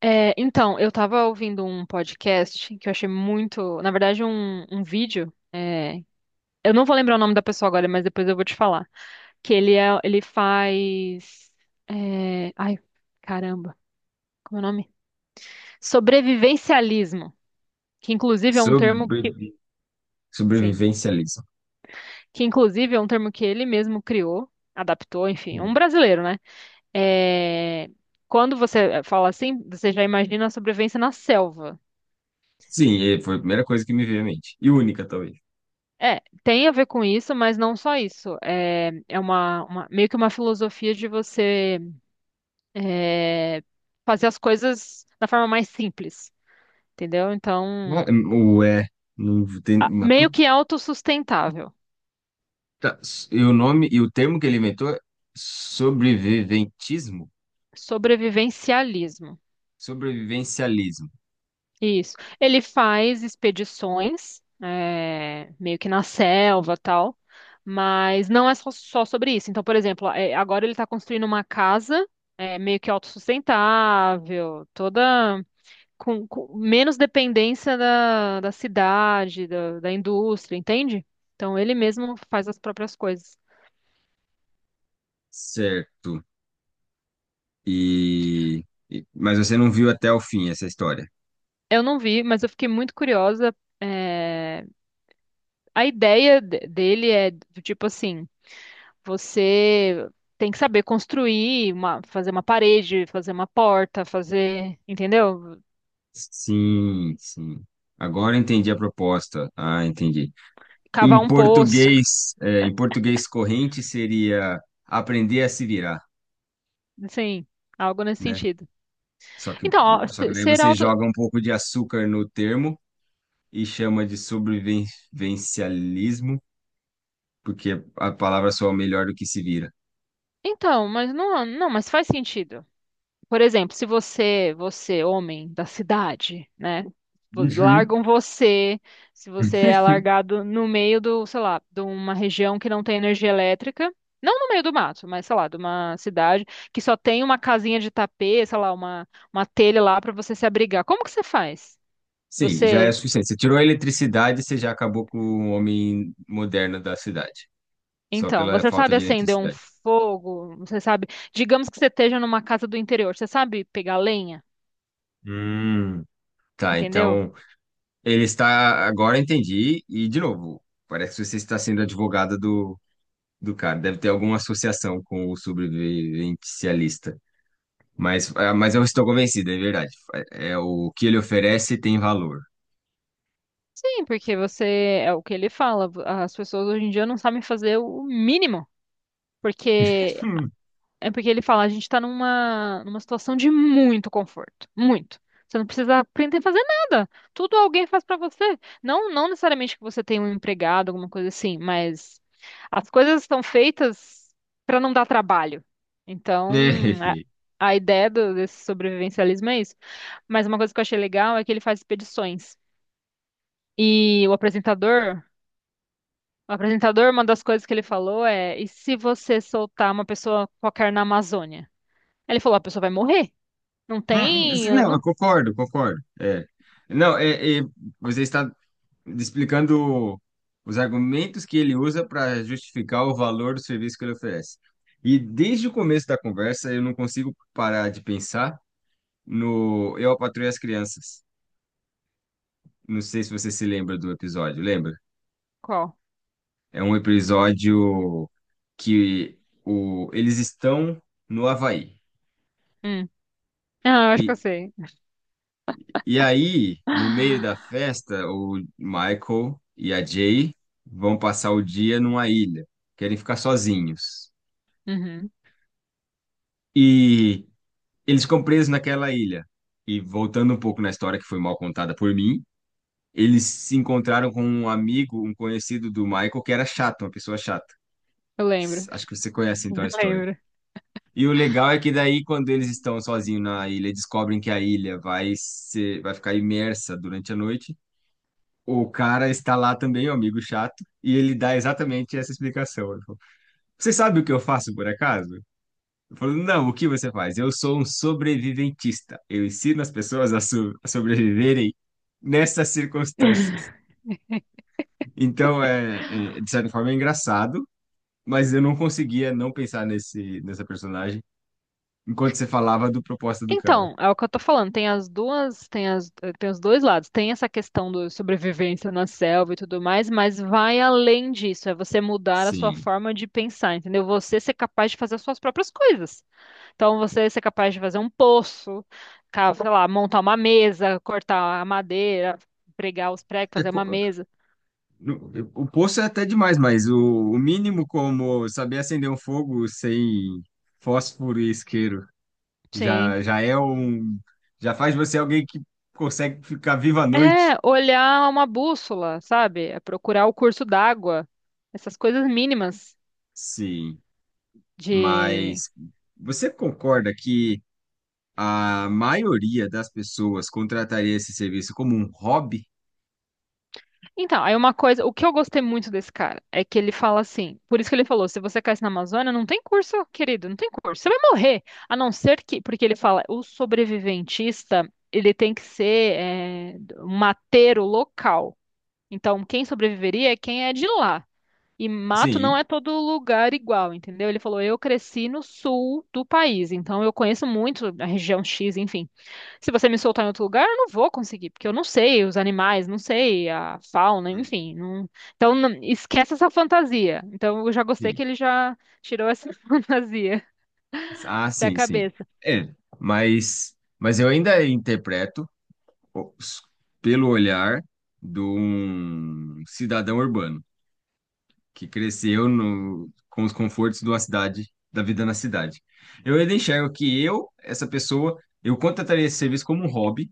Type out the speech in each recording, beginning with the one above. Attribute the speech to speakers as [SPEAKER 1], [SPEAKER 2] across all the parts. [SPEAKER 1] Eu tava ouvindo um podcast que eu achei muito, na verdade, um vídeo. Eu não vou lembrar o nome da pessoa agora, mas depois eu vou te falar. Que ele faz, é, ai, caramba, como é o nome? Sobrevivencialismo, que inclusive é um termo que...
[SPEAKER 2] Sobrevi-
[SPEAKER 1] Sim,
[SPEAKER 2] Sobrevivencialismo.
[SPEAKER 1] que inclusive é um termo que ele mesmo criou, adaptou, enfim, é um
[SPEAKER 2] Sim.
[SPEAKER 1] brasileiro, né? É, quando você fala assim, você já imagina a sobrevivência na selva.
[SPEAKER 2] Sim, e foi a primeira coisa que me veio à mente. E única, talvez.
[SPEAKER 1] É, tem a ver com isso, mas não só isso. É, é meio que uma filosofia de você é, fazer as coisas da forma mais simples, entendeu? Então,
[SPEAKER 2] Ah, é, o é. Não tem uma
[SPEAKER 1] meio
[SPEAKER 2] puta.
[SPEAKER 1] que autossustentável,
[SPEAKER 2] E o nome e o termo que ele inventou é sobreviventismo?
[SPEAKER 1] sobrevivencialismo.
[SPEAKER 2] Sobrevivencialismo.
[SPEAKER 1] Isso. Ele faz expedições, é, meio que na selva, tal, mas não é só sobre isso. Então, por exemplo, é, agora ele está construindo uma casa, é, meio que autossustentável, toda, com menos dependência da cidade, da indústria, entende? Então ele mesmo faz as próprias coisas.
[SPEAKER 2] Certo. Mas você não viu até o fim essa história.
[SPEAKER 1] Eu não vi, mas eu fiquei muito curiosa. É, a dele é do tipo assim, você tem que saber construir, fazer uma parede, fazer uma porta, fazer, entendeu?
[SPEAKER 2] Sim, sim. Agora entendi a proposta. Ah, entendi.
[SPEAKER 1] Cavar
[SPEAKER 2] Em
[SPEAKER 1] um poço,
[SPEAKER 2] português, em português corrente seria aprender a se virar.
[SPEAKER 1] assim, algo nesse
[SPEAKER 2] Né?
[SPEAKER 1] sentido.
[SPEAKER 2] Só que,
[SPEAKER 1] Então, ó,
[SPEAKER 2] só que daí
[SPEAKER 1] ser
[SPEAKER 2] você
[SPEAKER 1] auto...
[SPEAKER 2] joga um pouco de açúcar no termo e chama de sobrevivencialismo, porque a palavra soa melhor do que se vira.
[SPEAKER 1] Então, mas não, mas faz sentido. Por exemplo, se você, homem da cidade, né?
[SPEAKER 2] Uhum.
[SPEAKER 1] Largam você, se você é largado no meio do, sei lá, de uma região que não tem energia elétrica, não no meio do mato, mas sei lá, de uma cidade que só tem uma casinha de tapete, sei lá, uma telha lá para você se abrigar. Como que você faz?
[SPEAKER 2] Sim, já é
[SPEAKER 1] Você,
[SPEAKER 2] suficiente. Você tirou a eletricidade, você já acabou com o homem moderno da cidade, só
[SPEAKER 1] então,
[SPEAKER 2] pela
[SPEAKER 1] você
[SPEAKER 2] falta
[SPEAKER 1] sabe
[SPEAKER 2] de
[SPEAKER 1] acender um
[SPEAKER 2] eletricidade.
[SPEAKER 1] fogo, você sabe, digamos que você esteja numa casa do interior, você sabe pegar lenha,
[SPEAKER 2] Hum. Tá,
[SPEAKER 1] entendeu?
[SPEAKER 2] então ele está. Agora entendi, e de novo, parece que você está sendo advogada do cara. Deve ter alguma associação com o sobrevivencialista. Mas, ah, mas eu estou convencido, é verdade. É o que ele oferece tem valor.
[SPEAKER 1] Sim, porque você, é o que ele fala, as pessoas hoje em dia não sabem fazer o mínimo, porque
[SPEAKER 2] Hum.
[SPEAKER 1] é porque ele fala, a gente tá numa situação de muito conforto, muito. Você não precisa aprender a fazer nada. Tudo alguém faz pra você. Não necessariamente que você tenha um empregado, alguma coisa assim, mas as coisas estão feitas pra não dar trabalho. Então, a,
[SPEAKER 2] É.
[SPEAKER 1] a ideia desse sobrevivencialismo é isso. Mas uma coisa que eu achei legal é que ele faz expedições. E o apresentador O apresentador, uma das coisas que ele falou é: e se você soltar uma pessoa qualquer na Amazônia? Aí ele falou: a pessoa vai morrer. Não tem.
[SPEAKER 2] Não, eu
[SPEAKER 1] Não...
[SPEAKER 2] concordo, concordo. É. Não, você está explicando os argumentos que ele usa para justificar o valor do serviço que ele oferece. E desde o começo da conversa, eu não consigo parar de pensar no Eu, a Patroa e as Crianças. Não sei se você se lembra do episódio, lembra?
[SPEAKER 1] Qual?
[SPEAKER 2] É um episódio que o, eles estão no Havaí.
[SPEAKER 1] Hum. Ah, eu acho que eu
[SPEAKER 2] E,
[SPEAKER 1] sei.
[SPEAKER 2] e aí, no meio da festa, o Michael e a Jay vão passar o dia numa ilha. Querem ficar sozinhos.
[SPEAKER 1] Uhum,
[SPEAKER 2] E eles ficam presos naquela ilha. E voltando um pouco na história que foi mal contada por mim, eles se encontraram com um amigo, um conhecido do Michael, que era chato, uma pessoa chata.
[SPEAKER 1] eu lembro.
[SPEAKER 2] Acho que você conhece
[SPEAKER 1] Eu
[SPEAKER 2] então a história.
[SPEAKER 1] lembro.
[SPEAKER 2] E o legal é que daí, quando eles estão sozinhos na ilha, descobrem que a ilha vai ser, vai ficar imersa durante a noite. O cara está lá também, o amigo chato, e ele dá exatamente essa explicação. Ele falou, você sabe o que eu faço, por acaso? Eu falo, não, o que você faz? Eu sou um sobreviventista. Eu ensino as pessoas a sobreviverem nessas circunstâncias. Então, de certa forma, é engraçado, mas eu não conseguia não pensar nessa personagem enquanto você falava do propósito do cara.
[SPEAKER 1] Então, é o que eu tô falando. Tem as tem os dois lados. Tem essa questão do sobrevivência na selva e tudo mais, mas vai além disso. É você mudar a sua
[SPEAKER 2] Sim.
[SPEAKER 1] forma de pensar, entendeu? Você ser capaz de fazer as suas próprias coisas. Então você ser capaz de fazer um poço, sei lá, montar uma mesa, cortar a madeira, pregar os pregos,
[SPEAKER 2] É
[SPEAKER 1] fazer uma
[SPEAKER 2] co-
[SPEAKER 1] mesa.
[SPEAKER 2] O poço é até demais, mas o mínimo como saber acender um fogo sem fósforo e isqueiro
[SPEAKER 1] Sim.
[SPEAKER 2] já é um. Já faz de você alguém que consegue ficar vivo à
[SPEAKER 1] É,
[SPEAKER 2] noite.
[SPEAKER 1] olhar uma bússola, sabe? É procurar o curso d'água. Essas coisas mínimas
[SPEAKER 2] Sim,
[SPEAKER 1] de...
[SPEAKER 2] mas você concorda que a maioria das pessoas contrataria esse serviço como um hobby?
[SPEAKER 1] Então, aí uma coisa, o que eu gostei muito desse cara é que ele fala assim, por isso que ele falou, se você caísse na Amazônia, não tem curso, querido, não tem curso, você vai morrer, a não ser que, porque ele fala, o sobreviventista, ele tem que ser é, um mateiro local, então quem sobreviveria é quem é de lá, e mato não
[SPEAKER 2] Sim,
[SPEAKER 1] é todo lugar igual, entendeu? Ele falou, eu cresci no sul do país, então eu conheço muito a região X, enfim, se você me soltar em outro lugar, eu não vou conseguir, porque eu não sei os animais, não sei a fauna, enfim.
[SPEAKER 2] uhum,
[SPEAKER 1] Então, esquece essa fantasia. Então, eu já gostei que
[SPEAKER 2] sim.
[SPEAKER 1] ele já tirou essa fantasia
[SPEAKER 2] Ah,
[SPEAKER 1] da
[SPEAKER 2] sim, sim.
[SPEAKER 1] cabeça.
[SPEAKER 2] É, mas eu ainda interpreto o- s- pelo olhar de um cidadão urbano que cresceu no, com os confortos de uma cidade, da vida na cidade. Eu ainda enxergo que essa pessoa, eu contrataria esse serviço como um hobby,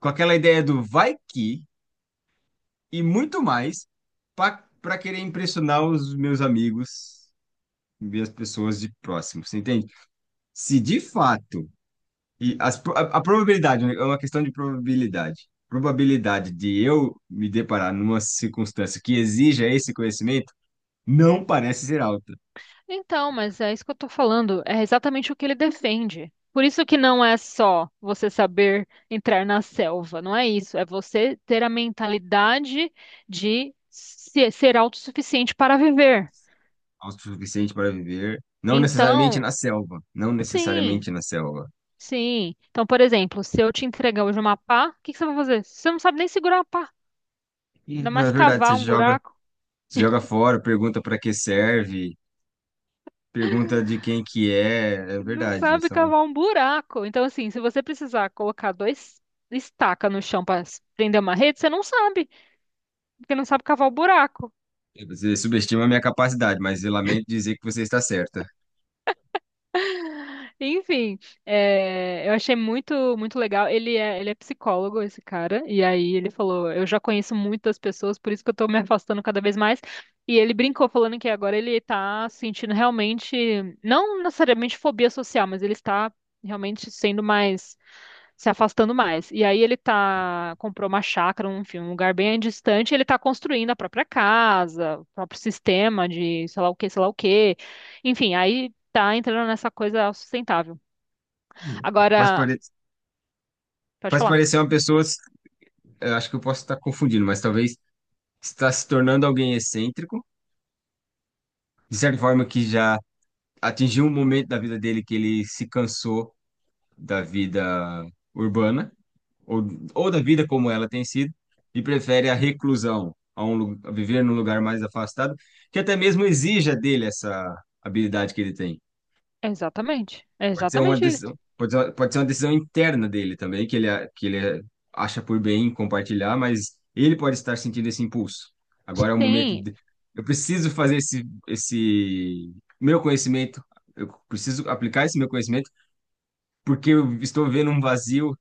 [SPEAKER 2] com aquela ideia do vai que e muito mais para querer impressionar os meus amigos, minhas pessoas de próximo, você entende? Se de fato e a probabilidade, né, é uma questão de probabilidade. Probabilidade de eu me deparar numa circunstância que exija esse conhecimento não parece ser alta.
[SPEAKER 1] Então, mas é isso que eu tô falando, é exatamente o que ele defende. Por isso que não é só você saber entrar na selva, não é isso. É você ter a mentalidade de ser autossuficiente para viver.
[SPEAKER 2] Alta o suficiente para viver, não necessariamente
[SPEAKER 1] Então,
[SPEAKER 2] na selva. Não
[SPEAKER 1] sim.
[SPEAKER 2] necessariamente na selva.
[SPEAKER 1] Sim. Então, por exemplo, se eu te entregar hoje uma pá, o que que você vai fazer? Você não sabe nem segurar a pá,
[SPEAKER 2] E,
[SPEAKER 1] ainda
[SPEAKER 2] na
[SPEAKER 1] mais
[SPEAKER 2] verdade,
[SPEAKER 1] cavar um buraco.
[SPEAKER 2] você joga fora, pergunta para que serve, pergunta de quem que é. É
[SPEAKER 1] Não
[SPEAKER 2] verdade.
[SPEAKER 1] sabe cavar um buraco. Então, assim, se você precisar colocar dois estaca no chão para prender uma rede, você não sabe, porque não sabe cavar o buraco.
[SPEAKER 2] Você subestima a minha capacidade, mas eu lamento dizer que você está certa.
[SPEAKER 1] Enfim, é, eu achei muito, muito legal. Ele é psicólogo, esse cara, e aí ele falou: eu já conheço muitas pessoas, por isso que eu tô me afastando cada vez mais. E ele brincou falando que agora ele tá sentindo realmente, não necessariamente fobia social, mas ele está realmente sendo mais, se afastando mais. E aí ele tá, comprou uma chácara, um, enfim, um lugar bem distante, e ele tá construindo a própria casa, o próprio sistema de sei lá o que, sei lá o que. Enfim, aí tá entrando nessa coisa sustentável.
[SPEAKER 2] Faz,
[SPEAKER 1] Agora,
[SPEAKER 2] pare...
[SPEAKER 1] pode
[SPEAKER 2] Faz
[SPEAKER 1] falar.
[SPEAKER 2] parecer uma pessoa, eu acho que eu posso estar confundindo, mas talvez está se tornando alguém excêntrico, de certa forma que já atingiu um momento da vida dele que ele se cansou da vida urbana ou, ou da vida como ela tem sido, e prefere a reclusão, a viver num lugar mais afastado, que até mesmo exija dele essa habilidade que ele tem.
[SPEAKER 1] Exatamente. É
[SPEAKER 2] Pode ser uma
[SPEAKER 1] exatamente isso.
[SPEAKER 2] decisão, pode ser uma decisão interna dele também, que que ele acha por bem compartilhar, mas ele pode estar sentindo esse impulso. Agora é o momento
[SPEAKER 1] Sim,
[SPEAKER 2] de, eu preciso fazer esse meu conhecimento, eu preciso aplicar esse meu conhecimento, porque eu estou vendo um vazio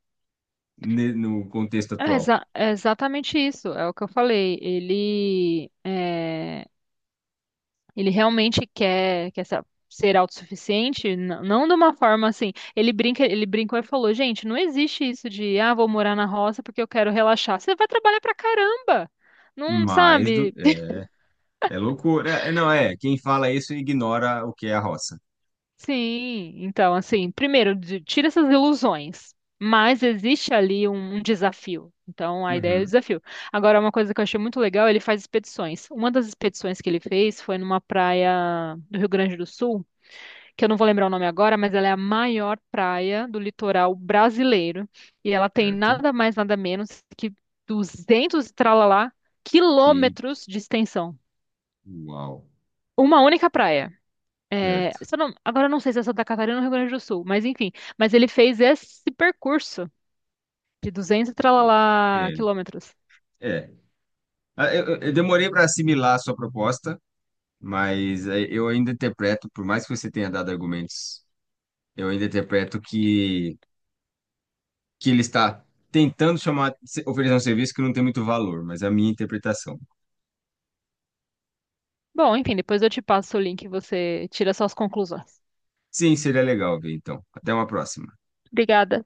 [SPEAKER 2] no contexto
[SPEAKER 1] é,
[SPEAKER 2] atual.
[SPEAKER 1] é exatamente isso. É o que eu falei. Ele realmente quer ser autossuficiente, não de uma forma assim. Ele brincou e falou, gente, não existe isso de, ah, vou morar na roça porque eu quero relaxar. Você vai trabalhar pra caramba. Não
[SPEAKER 2] Mais do,
[SPEAKER 1] sabe?
[SPEAKER 2] é loucura. É, não, é. Quem fala isso ignora o que é a roça.
[SPEAKER 1] Sim, então, assim, primeiro, tira essas ilusões, mas existe ali um desafio. Então, a ideia é o
[SPEAKER 2] Uhum.
[SPEAKER 1] desafio. Agora, uma coisa que eu achei muito legal, ele faz expedições. Uma das expedições que ele fez foi numa praia do Rio Grande do Sul, que eu não vou lembrar o nome agora, mas ela é a maior praia do litoral brasileiro. E ela tem
[SPEAKER 2] Certo.
[SPEAKER 1] nada mais, nada menos que 200 e tralalá
[SPEAKER 2] E
[SPEAKER 1] quilômetros de extensão.
[SPEAKER 2] uau.
[SPEAKER 1] Uma única praia. É,
[SPEAKER 2] Certo.
[SPEAKER 1] se eu não- agora eu não sei se é Santa Catarina ou Rio Grande do Sul, mas enfim. Mas ele fez esse percurso de 200 e tralalá
[SPEAKER 2] É.
[SPEAKER 1] quilômetros.
[SPEAKER 2] É. Ah, eu demorei para assimilar a sua proposta, mas eu ainda interpreto, por mais que você tenha dado argumentos, eu ainda interpreto que ele está tentando chamar, oferecer um serviço que não tem muito valor, mas é a minha interpretação.
[SPEAKER 1] Bom, enfim, depois eu te passo o link e você tira suas conclusões.
[SPEAKER 2] Sim, seria legal ver, então. Até uma próxima.
[SPEAKER 1] Obrigada.